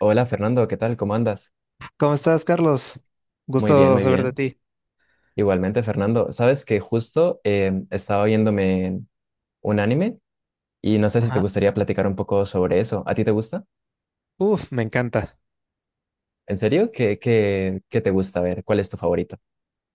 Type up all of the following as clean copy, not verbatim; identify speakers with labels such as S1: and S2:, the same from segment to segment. S1: Hola Fernando, ¿qué tal? ¿Cómo andas?
S2: ¿Cómo estás, Carlos?
S1: Muy bien,
S2: Gusto
S1: muy
S2: saber de
S1: bien.
S2: ti.
S1: Igualmente, Fernando, sabes que justo estaba viéndome un anime y no sé si te
S2: Ajá.
S1: gustaría platicar un poco sobre eso. ¿A ti te gusta?
S2: Uf, me encanta.
S1: ¿En serio? ¿Qué te gusta? A ver, ¿cuál es tu favorito?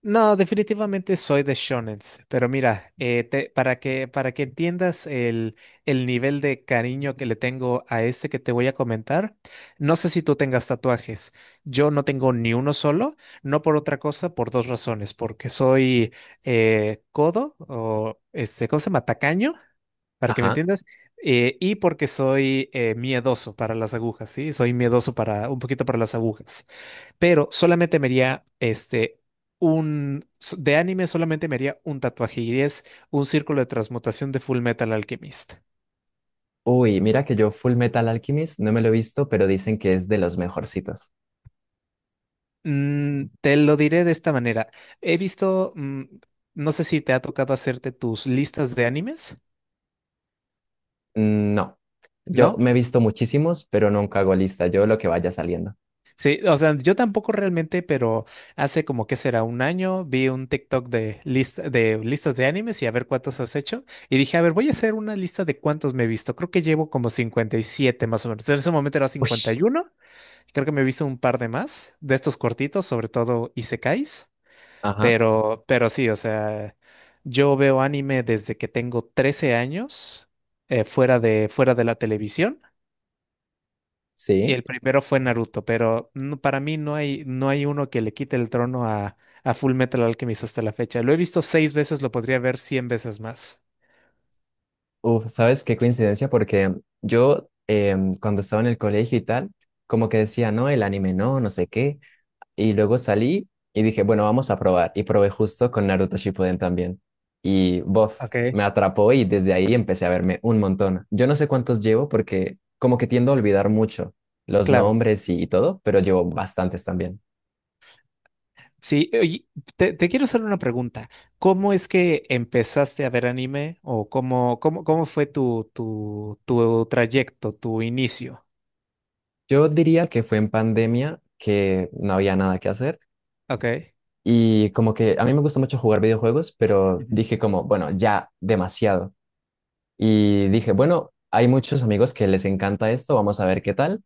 S2: No, definitivamente soy de shonens, pero mira, para que entiendas el nivel de cariño que le tengo a este que te voy a comentar, no sé si tú tengas tatuajes. Yo no tengo ni uno solo, no por otra cosa, por dos razones, porque soy codo o este, ¿cómo se llama? Tacaño para que me
S1: Ajá.
S2: entiendas, y porque soy miedoso para las agujas, ¿sí? Soy miedoso para un poquito para las agujas, pero solamente me haría este de anime solamente me haría un tatuaje y es un círculo de transmutación de Full Metal Alchemist.
S1: Uy, mira que yo Full Metal Alchemist no me lo he visto, pero dicen que es de los mejorcitos.
S2: Te lo diré de esta manera. He visto, no sé si te ha tocado hacerte tus listas de animes,
S1: Mm, no, yo
S2: ¿no?
S1: me he visto muchísimos, pero nunca hago lista. Yo lo que vaya saliendo.
S2: Sí, o sea, yo tampoco realmente, pero hace como que será un año vi un TikTok de lista, de listas de animes y a ver cuántos has hecho. Y dije, a ver, voy a hacer una lista de cuántos me he visto. Creo que llevo como 57 más o menos. En ese momento era cincuenta
S1: Ush.
S2: y uno. Creo que me he visto un par de más de estos cortitos, sobre todo Isekais.
S1: Ajá.
S2: Pero sí, o sea, yo veo anime desde que tengo 13 años, fuera de la televisión. Y
S1: Sí.
S2: el primero fue Naruto, para mí no hay uno que le quite el trono a Full Metal Alchemist hasta la fecha. Lo he visto seis veces, lo podría ver 100 veces más.
S1: Uf, ¿sabes qué coincidencia? Porque yo cuando estaba en el colegio y tal, como que decía, no, el anime no, no sé qué. Y luego salí y dije, bueno, vamos a probar. Y probé justo con Naruto Shippuden también. Y bof,
S2: Ok.
S1: me atrapó y desde ahí empecé a verme un montón. Yo no sé cuántos llevo porque como que tiendo a olvidar mucho los
S2: Claro.
S1: nombres y todo, pero llevo bastantes también.
S2: Sí, oye, te quiero hacer una pregunta. ¿Cómo es que empezaste a ver anime o cómo fue tu trayecto, tu inicio?
S1: Yo diría que fue en pandemia que no había nada que hacer.
S2: Ok.
S1: Y como que a mí me gusta mucho jugar videojuegos, pero
S2: Ujú.
S1: dije como, bueno, ya demasiado. Y dije, bueno, hay muchos amigos que les encanta esto, vamos a ver qué tal.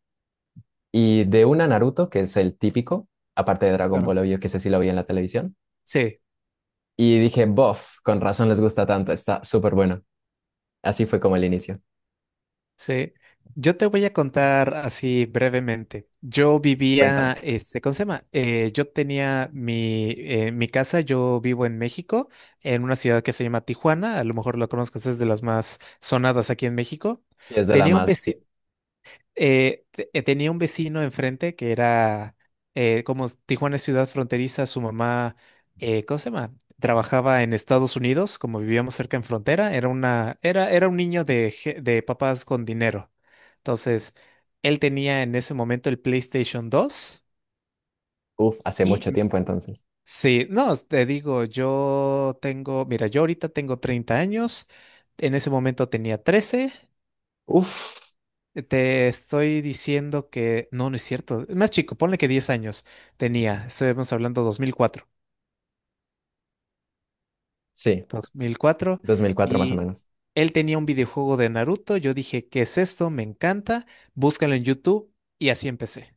S1: Y de una Naruto, que es el típico, aparte de Dragon
S2: Claro.
S1: Ball, obvio, que sé si lo vi en la televisión.
S2: Sí.
S1: Y dije, bof, con razón les gusta tanto, está súper bueno. Así fue como el inicio.
S2: Sí, yo te voy a contar así brevemente. Yo
S1: Cuéntame.
S2: vivía, este, ¿cómo se llama? Yo tenía mi casa, yo vivo en México, en una ciudad que se llama Tijuana, a lo mejor lo conozcas, es de las más sonadas aquí en México.
S1: Si es de la
S2: Tenía un
S1: más, sí.
S2: vecino tenía un vecino enfrente que era, como Tijuana es ciudad fronteriza, su mamá, ¿cómo se llama? Trabajaba en Estados Unidos, como vivíamos cerca en frontera, era un niño de papás con dinero. Entonces, él tenía en ese momento el PlayStation 2
S1: Uf, hace
S2: y
S1: mucho
S2: m-
S1: tiempo entonces.
S2: sí, no, te digo, yo tengo, mira, yo ahorita tengo 30 años, en ese momento tenía 13.
S1: Uf,
S2: Te estoy diciendo que no, no es cierto. Más chico, ponle que 10 años tenía. Estamos hablando 2004,
S1: sí,
S2: 2004.
S1: 2004 más o
S2: Y
S1: menos.
S2: él tenía un videojuego de Naruto. Yo dije, ¿qué es esto? Me encanta. Búscalo en YouTube. Y así empecé.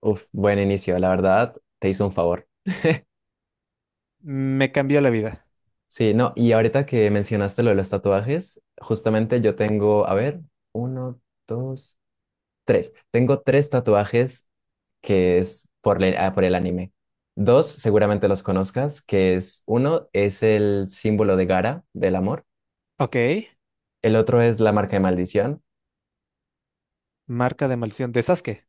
S1: Uf, buen inicio, la verdad, te hizo un favor.
S2: Me cambió la vida.
S1: Sí, no, y ahorita que mencionaste lo de los tatuajes, justamente yo tengo, a ver, uno, dos, tres. Tengo tres tatuajes que es por, por el anime. Dos, seguramente los conozcas, que es uno es el símbolo de Gara, del amor.
S2: Ok.
S1: El otro es la marca de maldición,
S2: Marca de maldición de Sasuke.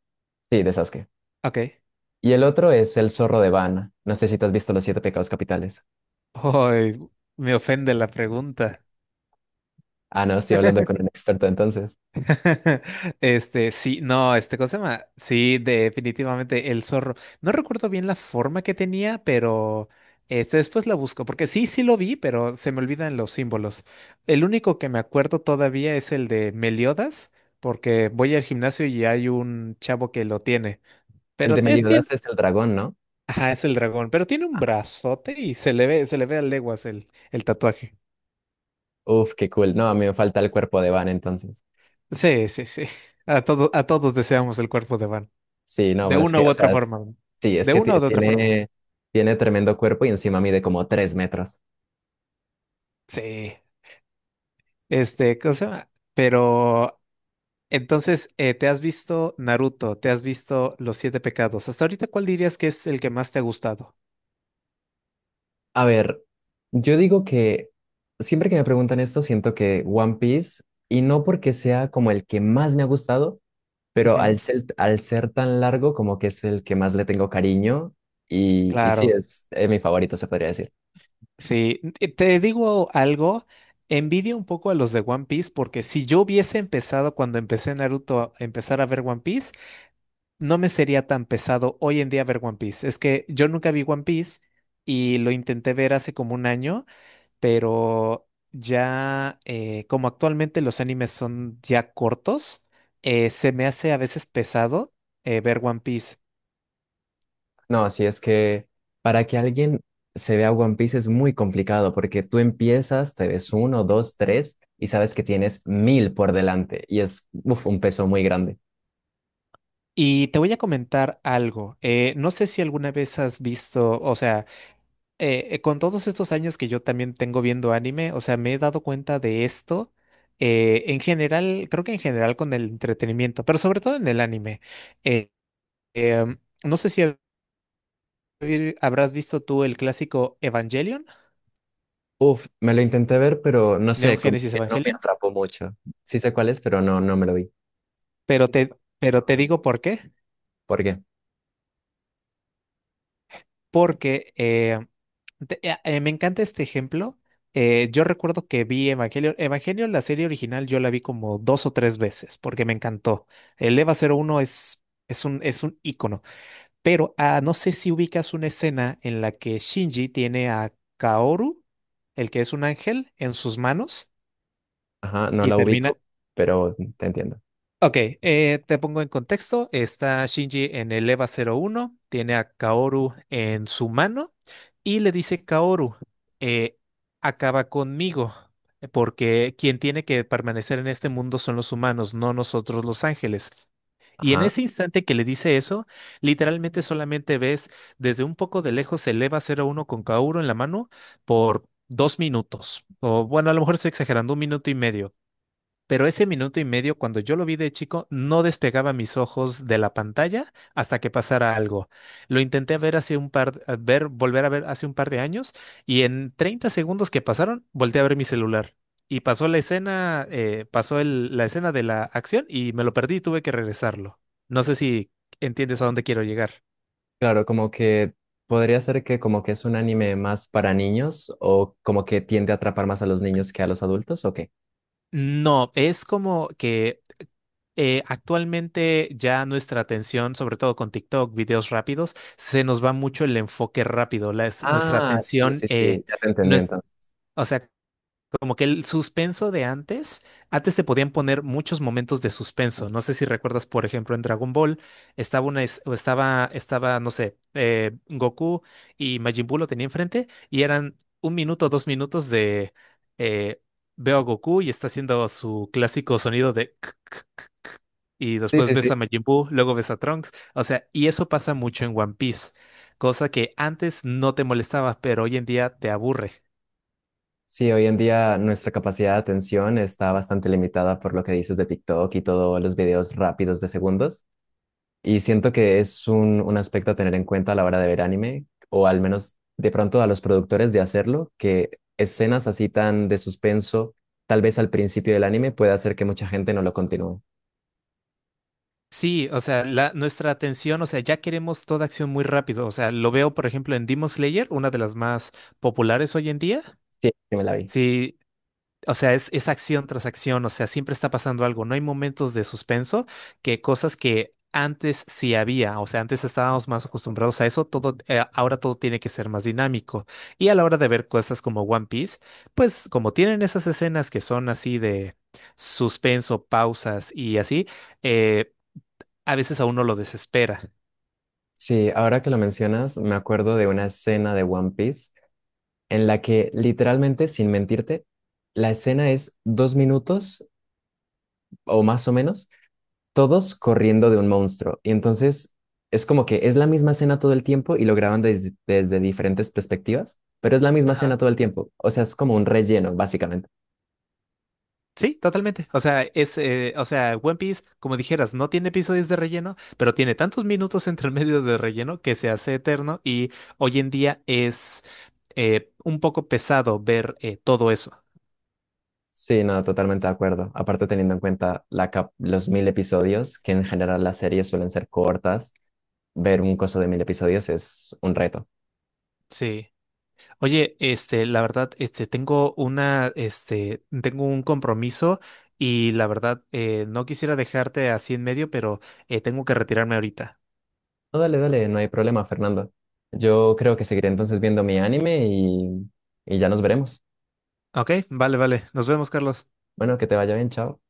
S1: sí, de Sasuke.
S2: Ok.
S1: Y el otro es el zorro de Vana. No sé si te has visto Los Siete Pecados Capitales.
S2: Ay, me ofende la pregunta.
S1: Ah, no, estoy hablando con un experto entonces.
S2: Este, sí, no, este, ¿cómo se llama? Sí, definitivamente el zorro. No recuerdo bien la forma que tenía, pero este, después la busco, porque sí, sí lo vi, pero se me olvidan los símbolos. El único que me acuerdo todavía es el de Meliodas, porque voy al gimnasio y hay un chavo que lo tiene,
S1: El de
S2: pero tiene,
S1: Meliodas es el dragón, ¿no?
S2: ajá, es el dragón, pero tiene un brazote y se le ve a leguas el tatuaje.
S1: Uf, qué cool. No, a mí me falta el cuerpo de Vana entonces.
S2: Sí, sí, sí. A todos deseamos el cuerpo de Van.
S1: Sí, no,
S2: De
S1: pero es
S2: una
S1: que,
S2: u
S1: o
S2: otra
S1: sea,
S2: forma, ¿no?
S1: sí, es
S2: De
S1: que
S2: una u otra forma.
S1: tiene tremendo cuerpo y encima mide como 3 metros.
S2: Sí, este, ¿cómo se llama? Pero entonces, ¿te has visto Naruto? ¿Te has visto Los Siete Pecados? Hasta ahorita, ¿cuál dirías que es el que más te ha gustado?
S1: A ver, yo digo que siempre que me preguntan esto, siento que One Piece, y no porque sea como el que más me ha gustado, pero
S2: Ujú.
S1: al ser tan largo, como que es el que más le tengo cariño, y sí,
S2: Claro,
S1: es, mi favorito, se podría decir.
S2: sí. Te digo algo, envidio un poco a los de One Piece porque si yo hubiese empezado cuando empecé Naruto a empezar a ver One Piece, no me sería tan pesado hoy en día ver One Piece. Es que yo nunca vi One Piece y lo intenté ver hace como un año. Pero ya, como actualmente los animes son ya cortos, se me hace a veces pesado ver One Piece.
S1: No, si es que para que alguien se vea One Piece es muy complicado porque tú empiezas, te ves uno, dos, tres y sabes que tienes 1.000 por delante y es uf, un peso muy grande.
S2: Y te voy a comentar algo. No sé si alguna vez has visto, o sea, con todos estos años que yo también tengo viendo anime, o sea, me he dado cuenta de esto. En general, creo que en general con el entretenimiento, pero sobre todo en el anime. Eh, no sé si habrás visto tú el clásico Evangelion,
S1: Uf, me lo intenté ver, pero no
S2: Neon
S1: sé, como
S2: Genesis
S1: que no me
S2: Evangelion.
S1: atrapó mucho. Sí sé cuál es, pero no, no me lo vi.
S2: Pero te, pero te digo por qué.
S1: ¿Por qué?
S2: Porque me encanta este ejemplo. Yo recuerdo que vi Evangelion, la serie original, yo la vi como dos o tres veces porque me encantó. El EVA-01 es un ícono. Pero no sé si ubicas una escena en la que Shinji tiene a Kaoru, el que es un ángel, en sus manos
S1: Ajá, no
S2: y
S1: la
S2: termina.
S1: ubico, pero te entiendo.
S2: Ok, te pongo en contexto. Está Shinji en el EVA-01, tiene a Kaoru en su mano y le dice Kaoru, eh, acaba conmigo, porque quien tiene que permanecer en este mundo son los humanos, no nosotros los ángeles. Y en
S1: Ajá.
S2: ese instante que le dice eso, literalmente solamente ves desde un poco de lejos el EVA-01 con Kaoru en la mano por 2 minutos. O bueno, a lo mejor estoy exagerando, un minuto y medio, pero ese minuto y medio, cuando yo lo vi de chico, no despegaba mis ojos de la pantalla hasta que pasara algo. Lo intenté ver hace un par, a ver, volver a ver hace un par de años, y en 30 segundos que pasaron, volteé a ver mi celular. Y pasó la escena, pasó la escena de la acción y me lo perdí y tuve que regresarlo. No sé si entiendes a dónde quiero llegar.
S1: Claro, como que podría ser que como que es un anime más para niños o como que tiende a atrapar más a los niños que a los adultos, ¿o qué?
S2: No, es como que actualmente ya nuestra atención, sobre todo con TikTok, videos rápidos, se nos va mucho el enfoque rápido, nuestra
S1: Ah, sí,
S2: atención,
S1: sí, sí, ya te
S2: no
S1: entendí
S2: es-
S1: entonces.
S2: o sea, como que el suspenso de antes, antes te podían poner muchos momentos de suspenso. No sé si recuerdas, por ejemplo, en Dragon Ball estaba una, es- o estaba, estaba, no sé, Goku y Majin Buu lo tenía enfrente y eran un minuto, 2 minutos de eh, veo a Goku y está haciendo su clásico sonido de Y
S1: Sí,
S2: después
S1: sí,
S2: ves
S1: sí.
S2: a Majin Buu, luego ves a Trunks. O sea, y eso pasa mucho en One Piece, cosa que antes no te molestaba, pero hoy en día te aburre.
S1: Sí, hoy en día nuestra capacidad de atención está bastante limitada por lo que dices de TikTok y todos los videos rápidos de segundos. Y siento que es un aspecto a tener en cuenta a la hora de ver anime, o al menos de pronto a los productores de hacerlo, que escenas así tan de suspenso, tal vez al principio del anime, puede hacer que mucha gente no lo continúe.
S2: Sí, o sea, nuestra atención, o sea, ya queremos toda acción muy rápido. O sea, lo veo, por ejemplo, en Demon Slayer, una de las más populares hoy en día.
S1: Sí, yo me la vi.
S2: Sí. O sea, es acción tras acción, o sea, siempre está pasando algo. No hay momentos de suspenso que cosas que antes sí había, o sea, antes estábamos más acostumbrados a eso, todo, ahora todo tiene que ser más dinámico. Y a la hora de ver cosas como One Piece, pues como tienen esas escenas que son así de suspenso, pausas y así, eh, a veces a uno lo desespera.
S1: Sí, ahora que lo mencionas, me acuerdo de una escena de One Piece en la que literalmente, sin mentirte, la escena es 2 minutos o más o menos, todos corriendo de un monstruo. Y entonces es como que es la misma escena todo el tiempo y lo graban desde, desde diferentes perspectivas, pero es la misma escena todo el tiempo. O sea, es como un relleno, básicamente.
S2: Sí, totalmente. O sea, o sea, One Piece, como dijeras, no tiene episodios de relleno, pero tiene tantos minutos entre medio de relleno que se hace eterno y hoy en día es un poco pesado ver todo eso.
S1: Sí, no, totalmente de acuerdo. Aparte teniendo en cuenta la los 1.000 episodios, que en general las series suelen ser cortas, ver un coso de 1.000 episodios es un reto.
S2: Sí. Oye, este, la verdad, este, este, tengo un compromiso y la verdad, no quisiera dejarte así en medio, pero tengo que retirarme ahorita.
S1: No, dale, dale, no hay problema, Fernando. Yo creo que seguiré entonces viendo mi anime y ya nos veremos.
S2: Ok, vale, vale. Nos vemos, Carlos.
S1: Bueno, que te vaya bien, chao.